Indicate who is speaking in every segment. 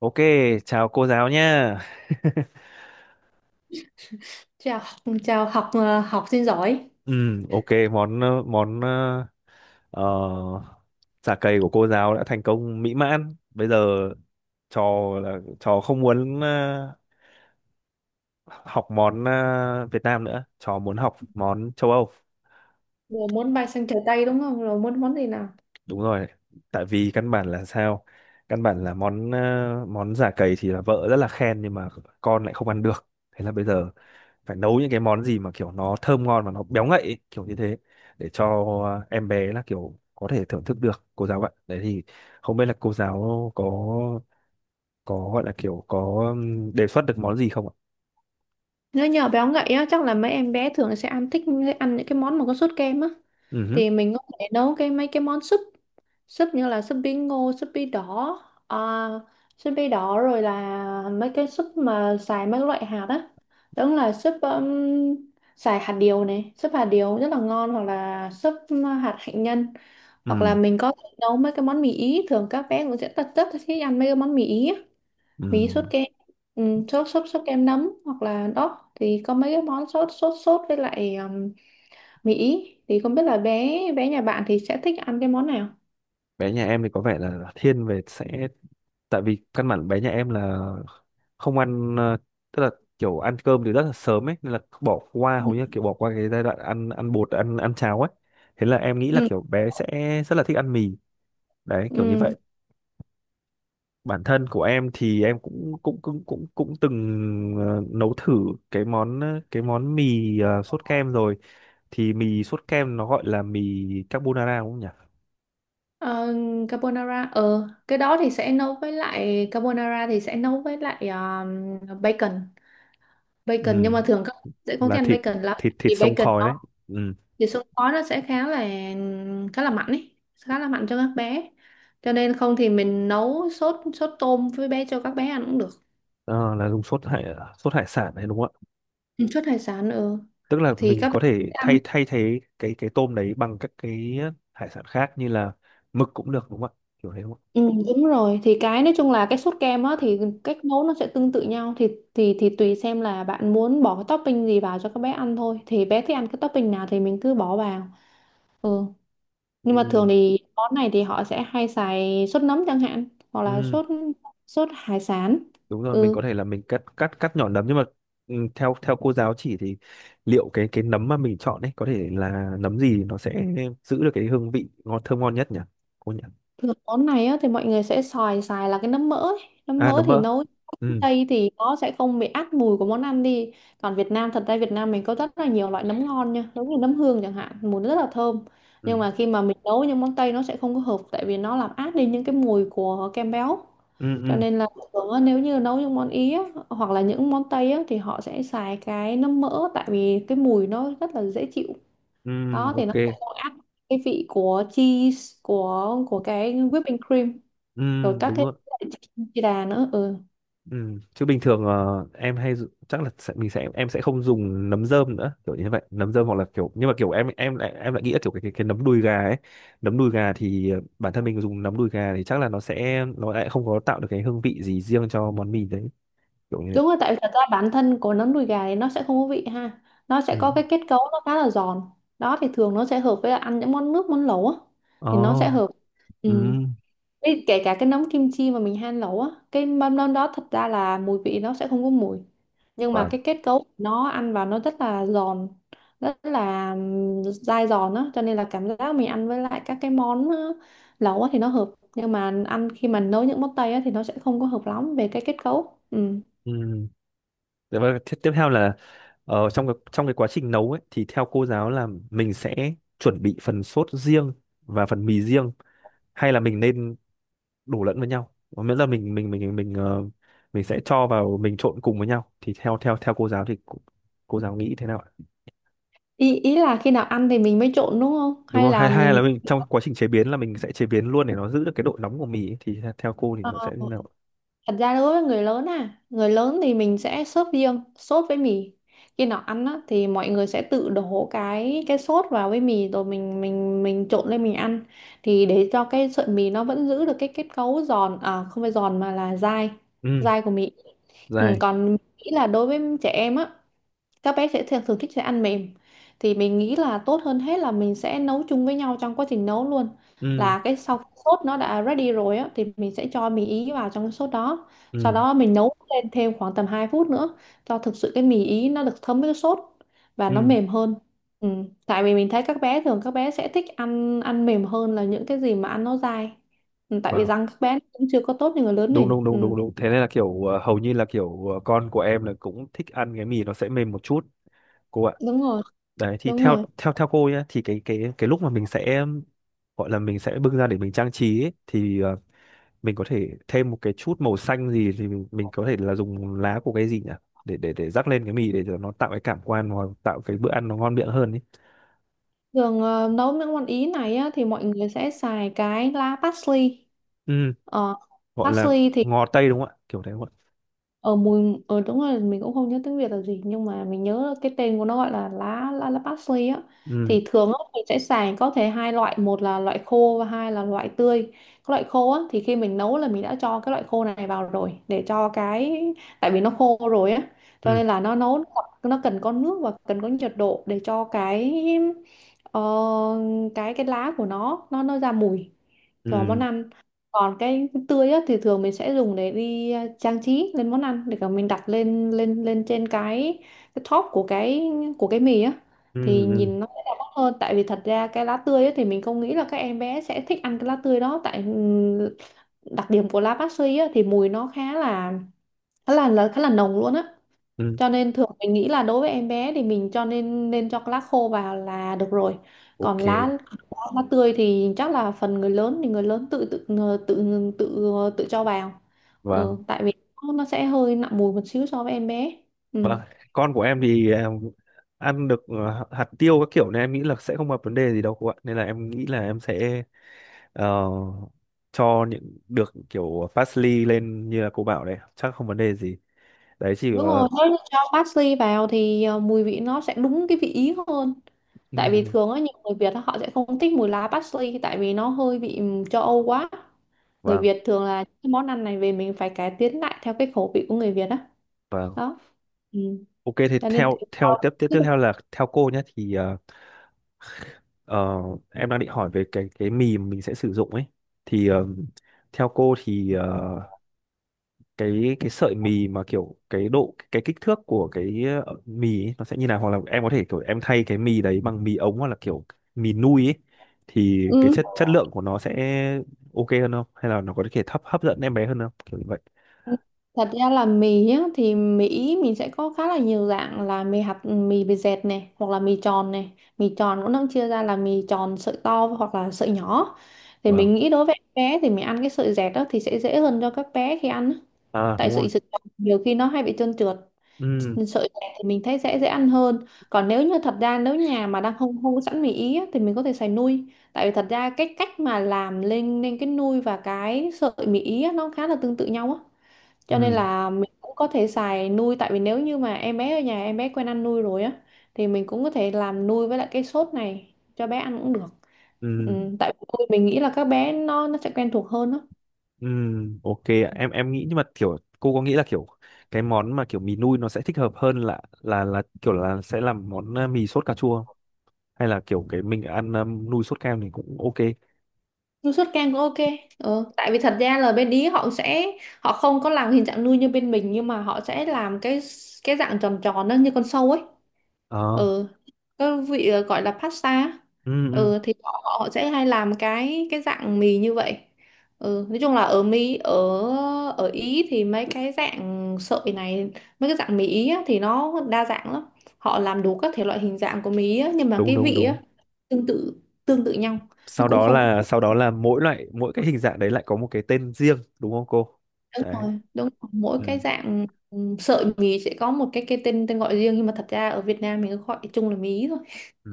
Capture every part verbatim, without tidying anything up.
Speaker 1: Ok, chào cô giáo nha.
Speaker 2: chào học chào học ờ, học sinh giỏi.
Speaker 1: Ừ, ok, món ờ, món ờ, ờ, chả cầy của cô giáo đã thành công mỹ mãn. Bây giờ trò là trò không muốn ờ, học món ờ, Việt Nam nữa, trò muốn học món châu Âu.
Speaker 2: Vừa muốn bay sang trời Tây đúng không? Rồi muốn món gì nào?
Speaker 1: Đúng rồi, tại vì căn bản là sao? Căn bản là món ờ, món chả cầy thì là vợ rất là khen nhưng mà con lại không ăn được. Thế là bây giờ phải nấu những cái món gì mà kiểu nó thơm ngon mà nó béo ngậy ấy, kiểu như thế để cho em bé là kiểu có thể thưởng thức được cô giáo ạ, đấy thì không biết là cô giáo có có gọi là kiểu có ừm, đề xuất được món gì không ạ?
Speaker 2: Nếu nhỏ béo ngậy á, chắc là mấy em bé thường sẽ ăn thích ăn những cái món mà có sốt kem á.
Speaker 1: Ừ hứ,
Speaker 2: Thì mình có thể nấu cái mấy cái món súp súp như là súp bí ngô, súp bí đỏ. uh, súp bí đỏ Rồi là mấy cái súp mà xài mấy loại hạt á. Đúng là súp um, Xài hạt điều này, súp hạt điều rất là ngon, hoặc là súp hạt hạnh nhân. Hoặc là
Speaker 1: ừm,
Speaker 2: mình có thể nấu mấy cái món mì Ý, thường các bé cũng sẽ rất rất thích ăn mấy cái món mì Ý á. Mì Ý sốt
Speaker 1: ừm.
Speaker 2: kem. Ừ, sốt sốt sốt kem nấm, hoặc là đó thì có mấy cái món sốt sốt sốt với lại um, mì Ý, thì không biết là bé bé nhà bạn thì sẽ thích ăn cái món nào.
Speaker 1: Bé nhà em thì có vẻ là thiên về sẽ, tại vì căn bản bé nhà em là không ăn ờ, tức là kiểu ăn cơm thì rất là sớm ấy, nên là bỏ qua,
Speaker 2: Ừ.
Speaker 1: hầu như kiểu bỏ qua cái giai đoạn ăn ăn bột ăn ăn cháo ấy. Thế là em nghĩ là
Speaker 2: Ừ.
Speaker 1: kiểu bé sẽ rất là thích ăn mì, đấy kiểu như
Speaker 2: Ừ.
Speaker 1: vậy. Bản thân của em thì em cũng cũng cũng cũng cũng từng ờ, nấu thử cái món ờ, cái món mì ờ, sốt kem rồi, thì mì sốt kem nó gọi là mì carbonara đúng không nhỉ?
Speaker 2: Ờ, carbonara, ờ cái đó thì sẽ nấu với lại carbonara, thì sẽ nấu với lại um, bacon
Speaker 1: Ừ,
Speaker 2: bacon nhưng mà thường các bạn sẽ không
Speaker 1: là
Speaker 2: thích ăn
Speaker 1: thịt,
Speaker 2: bacon lắm.
Speaker 1: thịt
Speaker 2: Vì
Speaker 1: thịt sông
Speaker 2: bacon
Speaker 1: khói đấy.
Speaker 2: nó,
Speaker 1: Ừ.
Speaker 2: thì xương khói nó sẽ khá là khá là mạnh ấy, khá là mạnh cho các bé. Cho nên không thì mình nấu sốt sốt tôm với bé cho các bé ăn cũng được.
Speaker 1: Ờ, là dùng sốt hải sốt hải sản đấy đúng không ạ?
Speaker 2: Ừ, sốt hải sản. Ừ.
Speaker 1: Tức là
Speaker 2: Thì
Speaker 1: mình
Speaker 2: các bé
Speaker 1: có thể
Speaker 2: sẽ ăn.
Speaker 1: thay thay thế cái cái tôm đấy bằng các cái ờ, hải sản khác như là mực cũng được đúng không ạ, kiểu thế đúng không
Speaker 2: Ừ, đúng rồi, thì cái nói chung là cái sốt kem á, thì cách nấu nó sẽ tương tự nhau, thì thì thì tùy xem là bạn muốn bỏ cái topping gì vào cho các bé ăn thôi, thì bé thích ăn cái topping nào thì mình cứ bỏ vào. Ừ.
Speaker 1: ạ?
Speaker 2: Nhưng
Speaker 1: Ừ,
Speaker 2: mà thường thì món này thì họ sẽ hay xài sốt nấm chẳng hạn, hoặc là
Speaker 1: ừ,
Speaker 2: sốt sốt hải sản.
Speaker 1: đúng rồi, mình
Speaker 2: Ừ.
Speaker 1: có thể là mình cắt cắt cắt nhỏ nấm nhưng mà ừ, theo theo cô giáo chỉ thì liệu cái cái nấm mà mình chọn ấy có thể là nấm gì nó sẽ giữ được cái hương vị ngon, thơm ngon nhất nhỉ cô nhỉ?
Speaker 2: Rồi món này á, thì mọi người sẽ xài xài là cái nấm mỡ ấy. Nấm
Speaker 1: À
Speaker 2: mỡ
Speaker 1: nấm
Speaker 2: thì
Speaker 1: mỡ.
Speaker 2: nấu
Speaker 1: Ừ.
Speaker 2: Tây thì nó sẽ không bị át mùi của món ăn đi. Còn Việt Nam, thật ra Việt Nam mình có rất là nhiều loại nấm ngon nha, giống như nấm hương chẳng hạn, mùi nó rất là thơm. Nhưng
Speaker 1: Ừ.
Speaker 2: mà khi mà mình nấu những món Tây nó sẽ không có hợp, tại vì nó làm át đi những cái mùi của kem béo.
Speaker 1: Ừ.
Speaker 2: Cho
Speaker 1: Ừ,
Speaker 2: nên là thường á, nếu như nấu những món Ý á, hoặc là những món Tây á, thì họ sẽ xài cái nấm mỡ tại vì cái mùi nó rất là dễ chịu.
Speaker 1: ừ.
Speaker 2: Đó thì
Speaker 1: Ok.
Speaker 2: nó sẽ có áp cái vị của cheese, của của cái whipping cream,
Speaker 1: Ừ.
Speaker 2: rồi các
Speaker 1: Đúng
Speaker 2: cái
Speaker 1: rồi.
Speaker 2: chi đà nữa. Ừ.
Speaker 1: Ừ. Chứ bình thường ờ, em hay dụ- chắc là sẽ, mình sẽ em sẽ không dùng nấm rơm nữa, kiểu như vậy, nấm rơm hoặc là kiểu, nhưng mà kiểu em em lại em lại nghĩ là kiểu cái, cái cái nấm đùi gà ấy. Nấm đùi gà thì ờ, bản thân mình dùng nấm đùi gà thì chắc là nó sẽ, nó lại không có tạo được cái hương vị gì riêng cho món mì đấy, kiểu như vậy.
Speaker 2: Đúng rồi, tại vì thật ra bản thân của nấm đùi gà thì nó sẽ không có vị ha, nó sẽ
Speaker 1: Ừ.
Speaker 2: có cái kết cấu nó khá là giòn. Đó thì thường nó sẽ hợp với là ăn những món nước, món lẩu á, thì nó sẽ
Speaker 1: Oh.
Speaker 2: hợp. Ừ.
Speaker 1: Ừ.
Speaker 2: Ê, kể cả cái nấm kim chi mà mình han nấu á, cái mâm nấm đó thật ra là mùi vị nó sẽ không có mùi, nhưng mà
Speaker 1: Wow.
Speaker 2: cái kết cấu nó ăn vào nó rất là giòn, rất là ừm, dai giòn á, cho nên là cảm giác mình ăn với lại các cái món ờ, lẩu á thì nó hợp. Nhưng mà ăn khi mà nấu những món Tây á thì nó sẽ không có hợp lắm về cái kết cấu. Ừ.
Speaker 1: Ừ. Thế và tiếp tiếp theo là ờ, trong cái, trong cái quá trình nấu ấy thì theo cô giáo là mình sẽ chuẩn bị phần sốt riêng và phần mì riêng, hay là mình nên đổ lẫn với nhau, và miễn là mình mình mình mình ờ, mình sẽ cho vào, mình trộn cùng với nhau, thì theo theo theo cô giáo thì cô, cô giáo nghĩ thế nào ạ?
Speaker 2: ý ý là khi nào ăn thì mình mới trộn đúng không,
Speaker 1: Đúng
Speaker 2: hay
Speaker 1: rồi,
Speaker 2: là
Speaker 1: hai, hai
Speaker 2: mình,
Speaker 1: là mình trong quá trình chế biến là mình sẽ chế biến luôn để nó giữ được cái độ nóng của mì ấy. Thì theo theo cô thì
Speaker 2: ờ,
Speaker 1: nó sẽ như nào ạ?
Speaker 2: thật ra đối với người lớn à, người lớn thì mình sẽ sốt riêng, sốt với mì. Khi nào ăn á, thì mọi người sẽ tự đổ cái cái sốt vào với mì rồi mình mình mình trộn lên mình ăn, thì để cho cái sợi mì nó vẫn giữ được cái kết cấu giòn, à không phải giòn mà là dai,
Speaker 1: Ừ.
Speaker 2: dai của mì. Ừ,
Speaker 1: Dài.
Speaker 2: còn mình nghĩ là đối với trẻ em á, các bé sẽ thường, thường thích sẽ ăn mềm, thì mình nghĩ là tốt hơn hết là mình sẽ nấu chung với nhau trong quá trình nấu luôn,
Speaker 1: Ừ.
Speaker 2: là cái sau khi sốt nó đã ready rồi á thì mình sẽ cho mì Ý vào trong cái sốt đó, sau
Speaker 1: Ừ.
Speaker 2: đó mình nấu lên thêm khoảng tầm hai phút nữa, cho thực sự cái mì Ý nó được thấm với cái sốt và nó
Speaker 1: Ừ.
Speaker 2: mềm hơn. Ừ. Tại vì mình thấy các bé, thường các bé sẽ thích ăn ăn mềm hơn là những cái gì mà ăn nó dai. Ừ. Tại vì
Speaker 1: Wow.
Speaker 2: răng các bé nó cũng chưa có tốt như người lớn
Speaker 1: đúng
Speaker 2: mình.
Speaker 1: đúng
Speaker 2: Ừ.
Speaker 1: đúng đúng đúng thế nên là kiểu ờ, hầu như là kiểu ờ, con của em là cũng thích ăn cái mì nó sẽ mềm một chút cô ạ.
Speaker 2: Đúng rồi,
Speaker 1: Đấy thì
Speaker 2: đúng
Speaker 1: theo
Speaker 2: rồi.
Speaker 1: theo theo cô nhá, thì cái cái cái lúc mà mình sẽ gọi là mình sẽ bưng ra để mình trang trí ấy, thì ờ, mình có thể thêm một cái chút màu xanh gì thì mình, mình có thể là dùng lá của cái gì nhỉ, để để để rắc lên cái mì để cho nó tạo cái cảm quan, hoặc tạo cái bữa ăn nó ngon miệng hơn ấy.
Speaker 2: Thường, ờ, nấu những món Ý này á, thì mọi người sẽ xài cái lá parsley.
Speaker 1: Ừ.
Speaker 2: Ờ,
Speaker 1: Gọi là
Speaker 2: Parsley thì,
Speaker 1: ngò tây đúng không ạ, kiểu thế không ạ?
Speaker 2: ờ mùi, ờ đúng rồi, mình cũng không nhớ tiếng Việt là gì, nhưng mà mình nhớ cái tên của nó gọi là lá lá lá parsley á.
Speaker 1: Ừ.
Speaker 2: Thì thường á, mình sẽ xài có thể hai loại, một là loại khô và hai là loại tươi. Cái loại khô á, thì khi mình nấu là mình đã cho cái loại khô này vào rồi, để cho cái, tại vì nó khô rồi á, cho
Speaker 1: Ừ.
Speaker 2: nên là nó nấu, nó cần có nước và cần có nhiệt độ để cho cái, ờ, cái cái lá của nó nó nó ra mùi cho món
Speaker 1: Ừ.
Speaker 2: ăn. Còn cái tươi á, thì thường mình sẽ dùng để đi à, trang trí lên món ăn, để cả mình đặt lên lên lên trên cái cái top của cái của cái mì á,
Speaker 1: Ừ.
Speaker 2: thì
Speaker 1: Ừ.
Speaker 2: nhìn nó sẽ đẹp mắt hơn, tại vì thật ra cái lá tươi á, thì mình không nghĩ là các em bé sẽ thích ăn cái lá tươi đó, tại ừm, đặc điểm của lá bát suy á, thì mùi nó khá là khá là là khá là nồng luôn á.
Speaker 1: Ừ.
Speaker 2: Cho nên thường mình nghĩ là đối với em bé thì mình cho nên nên cho lá khô vào là được rồi. Còn
Speaker 1: Ok.
Speaker 2: lá lá, lá tươi thì chắc là phần người lớn, thì người lớn tự tự tự tự tự cho vào. Ừ,
Speaker 1: Vâng.
Speaker 2: tại vì nó sẽ hơi nặng mùi một xíu so với em bé. Ừ.
Speaker 1: Con của em thì em ăn được ờ, hạt tiêu các kiểu, nên em nghĩ là sẽ không gặp vấn đề gì đâu cô ạ, nên là em nghĩ là em sẽ ờ, cho những được kiểu parsley lên như là cô bảo đấy chắc không vấn đề gì. Đấy chỉ
Speaker 2: Đúng
Speaker 1: ờ,
Speaker 2: rồi, nếu như cho parsley vào thì ờ, mùi vị nó sẽ đúng cái vị Ý hơn.
Speaker 1: ừ,
Speaker 2: Tại vì
Speaker 1: ừ.
Speaker 2: thường á, nhiều người Việt á, họ sẽ không thích mùi lá parsley tại vì nó hơi vị ừm, châu Âu quá. Người
Speaker 1: Vâng.
Speaker 2: Việt thường là cái món ăn này về mình phải cải tiến lại theo cái khẩu vị của người Việt á.
Speaker 1: Vâng.
Speaker 2: Đó. Ừ.
Speaker 1: Ok thì
Speaker 2: Cho nên
Speaker 1: theo
Speaker 2: tùy
Speaker 1: theo
Speaker 2: thôi.
Speaker 1: tiếp tiếp tiếp theo là theo cô nhé thì ờ, ờ, em đang định hỏi về cái cái mì mà mình sẽ sử dụng ấy, thì ờ, theo cô thì ờ, cái cái sợi mì mà kiểu cái độ cái kích thước của cái ờ, mì ấy, nó sẽ như nào, hoặc là em có thể kiểu em thay cái mì đấy bằng mì ống hoặc là kiểu mì nui ấy, thì cái
Speaker 2: Ừ.
Speaker 1: chất chất lượng của nó sẽ ok hơn không, hay là nó có thể hấp hấp dẫn em bé hơn không, kiểu như vậy.
Speaker 2: Thật ra là mì nhá, thì Mỹ mình sẽ có khá là nhiều dạng, là mì hạt, mì bề dẹt này, hoặc là mì tròn này. Mì tròn cũng đang chia ra là mì tròn sợi to hoặc là sợi nhỏ. Thì
Speaker 1: Vâng.
Speaker 2: mình nghĩ đối với em bé thì mình ăn cái sợi dẹt đó thì sẽ dễ hơn cho các bé khi ăn á.
Speaker 1: À
Speaker 2: Tại
Speaker 1: đúng rồi.
Speaker 2: sợi sợi tròn nhiều khi nó hay bị trơn trượt,
Speaker 1: Ừ.
Speaker 2: sợi dày thì mình thấy sẽ dễ ăn hơn. Còn nếu như, thật ra nếu nhà mà đang không không có sẵn mì Ý á, thì mình có thể xài nui, tại vì thật ra cách cách mà làm lên lên cái nui và cái sợi mì Ý á, nó khá là tương tự nhau á,
Speaker 1: Ừ.
Speaker 2: cho nên là mình cũng có thể xài nui. Tại vì nếu như mà em bé ở nhà, em bé quen ăn nui rồi á, thì mình cũng có thể làm nui với lại cái sốt này cho bé ăn cũng được. Ừ,
Speaker 1: Ừ.
Speaker 2: tại vì nui mình nghĩ là các bé nó nó sẽ quen thuộc hơn á.
Speaker 1: Ừ, ok ạ. em em nghĩ, nhưng mà kiểu cô có nghĩ là kiểu cái món mà kiểu mì nui nó sẽ thích hợp hơn là là là kiểu là sẽ làm món ờ, mì sốt cà chua không? Hay là kiểu cái mình ăn ờ, nui sốt kem thì cũng ok.
Speaker 2: Nuôi sốt kem cũng ok. Ờ, tại vì thật ra là bên Ý họ sẽ, họ không có làm hình dạng nuôi như bên mình, nhưng mà họ sẽ làm cái cái dạng tròn tròn đó như con sâu ấy.
Speaker 1: Ờ.
Speaker 2: Ừ, cái vị, ờ, gọi là pasta á.
Speaker 1: Ừ, ừ,
Speaker 2: Ừ, thì họ, họ sẽ hay làm cái cái dạng mì như vậy. Ừ, nói chung là ở Mỹ, ở ở Ý thì mấy cái dạng sợi này, mấy cái dạng mì Ý á, thì nó đa dạng lắm. Họ làm đủ các thể loại hình dạng của mì Ý á, nhưng mà
Speaker 1: đúng
Speaker 2: cái
Speaker 1: đúng
Speaker 2: vị
Speaker 1: đúng
Speaker 2: á, tương tự tương tự nhau, nó
Speaker 1: Sau
Speaker 2: cũng
Speaker 1: đó
Speaker 2: không
Speaker 1: là
Speaker 2: có.
Speaker 1: sau đó là mỗi loại, mỗi cái hình dạng đấy lại có một cái tên riêng đúng không cô?
Speaker 2: Đúng
Speaker 1: Đấy.
Speaker 2: rồi, đúng rồi. Mỗi
Speaker 1: Ừ.
Speaker 2: cái dạng, ừ, sợi mì sẽ có một cái cái tên tên gọi riêng, nhưng mà thật ra ở Việt Nam mình cứ gọi chung là mí thôi.
Speaker 1: Ừ.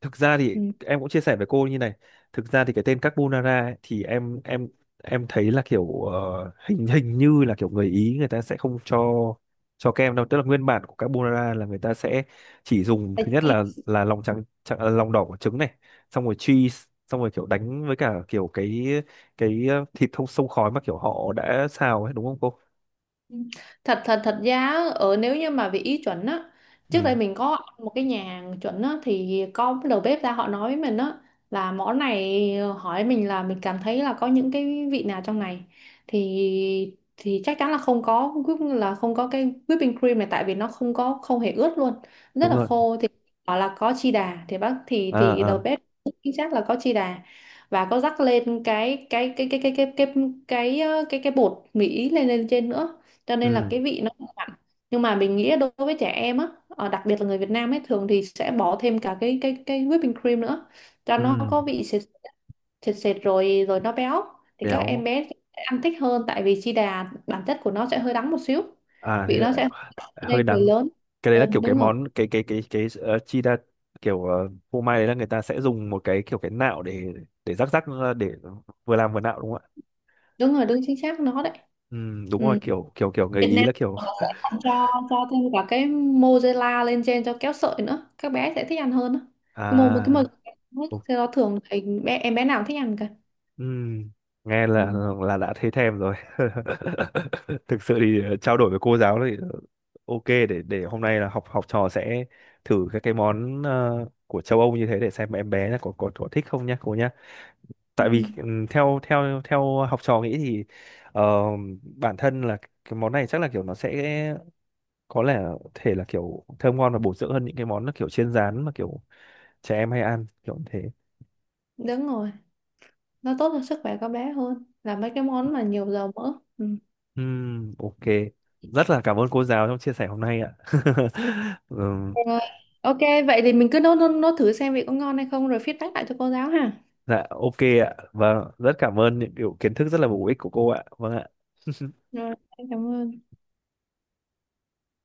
Speaker 1: Thực ra thì em cũng chia sẻ với cô như này. Thực ra thì cái tên carbonara ấy, thì em em em thấy là kiểu ờ, hình hình như là kiểu người Ý người ta sẽ không cho cho kem đâu, tức là nguyên bản của carbonara là người ta sẽ chỉ dùng
Speaker 2: Ừ.
Speaker 1: thứ nhất là là lòng trắng, trắng à, lòng đỏ của trứng này, xong rồi cheese, xong rồi kiểu đánh với cả kiểu cái cái ờ, thịt thông sông khói mà kiểu họ đã xào ấy đúng không cô?
Speaker 2: thật thật thật ra á, ở nếu như mà về Ý chuẩn á, trước
Speaker 1: Ừ,
Speaker 2: đây mình có ăn một cái nhà hàng chuẩn á thì có cái đầu bếp ra họ nói với mình á, là món này, ờ, hỏi mình là mình cảm thấy là có những cái vị nào trong này, thì thì chắc chắn là không có whip- là không có cái whipping cream này, tại vì nó không có không hề ướt luôn, rất
Speaker 1: đúng
Speaker 2: là
Speaker 1: rồi.
Speaker 2: khô. Thì bảo là có chi đà, thì bác thì
Speaker 1: À
Speaker 2: thì đầu
Speaker 1: à.
Speaker 2: bếp chính xác là có chi đà, và có rắc lên cái cái cái cái cái cái cái cái cái ờ, cái, cái bột Mỹ lên lên trên nữa, cho nên là
Speaker 1: Ừ.
Speaker 2: cái vị nó không hẳn. Nhưng mà mình nghĩ đối với trẻ em á, ờ, đặc biệt là người Việt Nam ấy, thường thì sẽ bỏ thêm cả cái cái cái whipping cream nữa cho
Speaker 1: Ừ,
Speaker 2: nó có vị sệt sệt, sệt rồi rồi nó béo, thì các em
Speaker 1: béo.
Speaker 2: bé sẽ ăn thích hơn, tại vì chi đà bản chất của nó sẽ hơi đắng một xíu,
Speaker 1: À thế
Speaker 2: vị
Speaker 1: là
Speaker 2: nó sẽ, cho
Speaker 1: hơi
Speaker 2: nên người
Speaker 1: đắng.
Speaker 2: lớn.
Speaker 1: Cái đấy
Speaker 2: Ừ,
Speaker 1: là kiểu cái
Speaker 2: đúng rồi,
Speaker 1: món cái cái cái cái uh, chi đa, kiểu ờ, phô mai đấy là người ta sẽ dùng một cái kiểu cái nạo để để rắc rắc ra để vừa làm vừa nạo đúng không ạ?
Speaker 2: đúng rồi, đúng chính xác nó đấy.
Speaker 1: Ừ, đúng rồi,
Speaker 2: Ừ.
Speaker 1: kiểu kiểu kiểu người
Speaker 2: Việt
Speaker 1: Ý
Speaker 2: Nam
Speaker 1: là
Speaker 2: sẽ
Speaker 1: kiểu
Speaker 2: còn cho cho thêm cả cái mozzarella lên trên cho kéo sợi nữa, các bé sẽ thích ăn hơn đó. Cái mô Một cái
Speaker 1: à
Speaker 2: mozzarella,
Speaker 1: đúng,
Speaker 2: thì nó thường thì bé em bé nào cũng thích ăn cả.
Speaker 1: ừ, nghe là
Speaker 2: Ừ.
Speaker 1: là đã thấy thèm rồi. Thực sự thì ờ, trao đổi với cô giáo thì ok, để để hôm nay là học học trò sẽ thử các cái món ờ, của châu Âu như thế để xem em bé là có có có thích không nhá cô nhá,
Speaker 2: Ừ.
Speaker 1: tại vì ừm, theo theo theo học trò nghĩ thì ờ, bản thân là cái món này chắc là kiểu nó sẽ có lẽ là- thể là kiểu thơm ngon và bổ dưỡng hơn những cái món nó kiểu chiên rán mà kiểu trẻ em hay ăn kiểu như thế.
Speaker 2: Đúng rồi, nó tốt cho sức khỏe các bé hơn là mấy cái món mà nhiều dầu mỡ. Ừ.
Speaker 1: Ừm, ok, rất là cảm ơn cô giáo trong chia sẻ hôm nay ạ. Ừm,
Speaker 2: Rồi, ok, vậy thì mình cứ nốt nốt, nốt thử xem vị có ngon hay không rồi feedback lại cho cô giáo ha.
Speaker 1: dạ ok ạ, vâng, rất cảm ơn những kiểu kiến thức rất là bổ ích của cô ạ, vâng ạ.
Speaker 2: Rồi, em cảm ơn.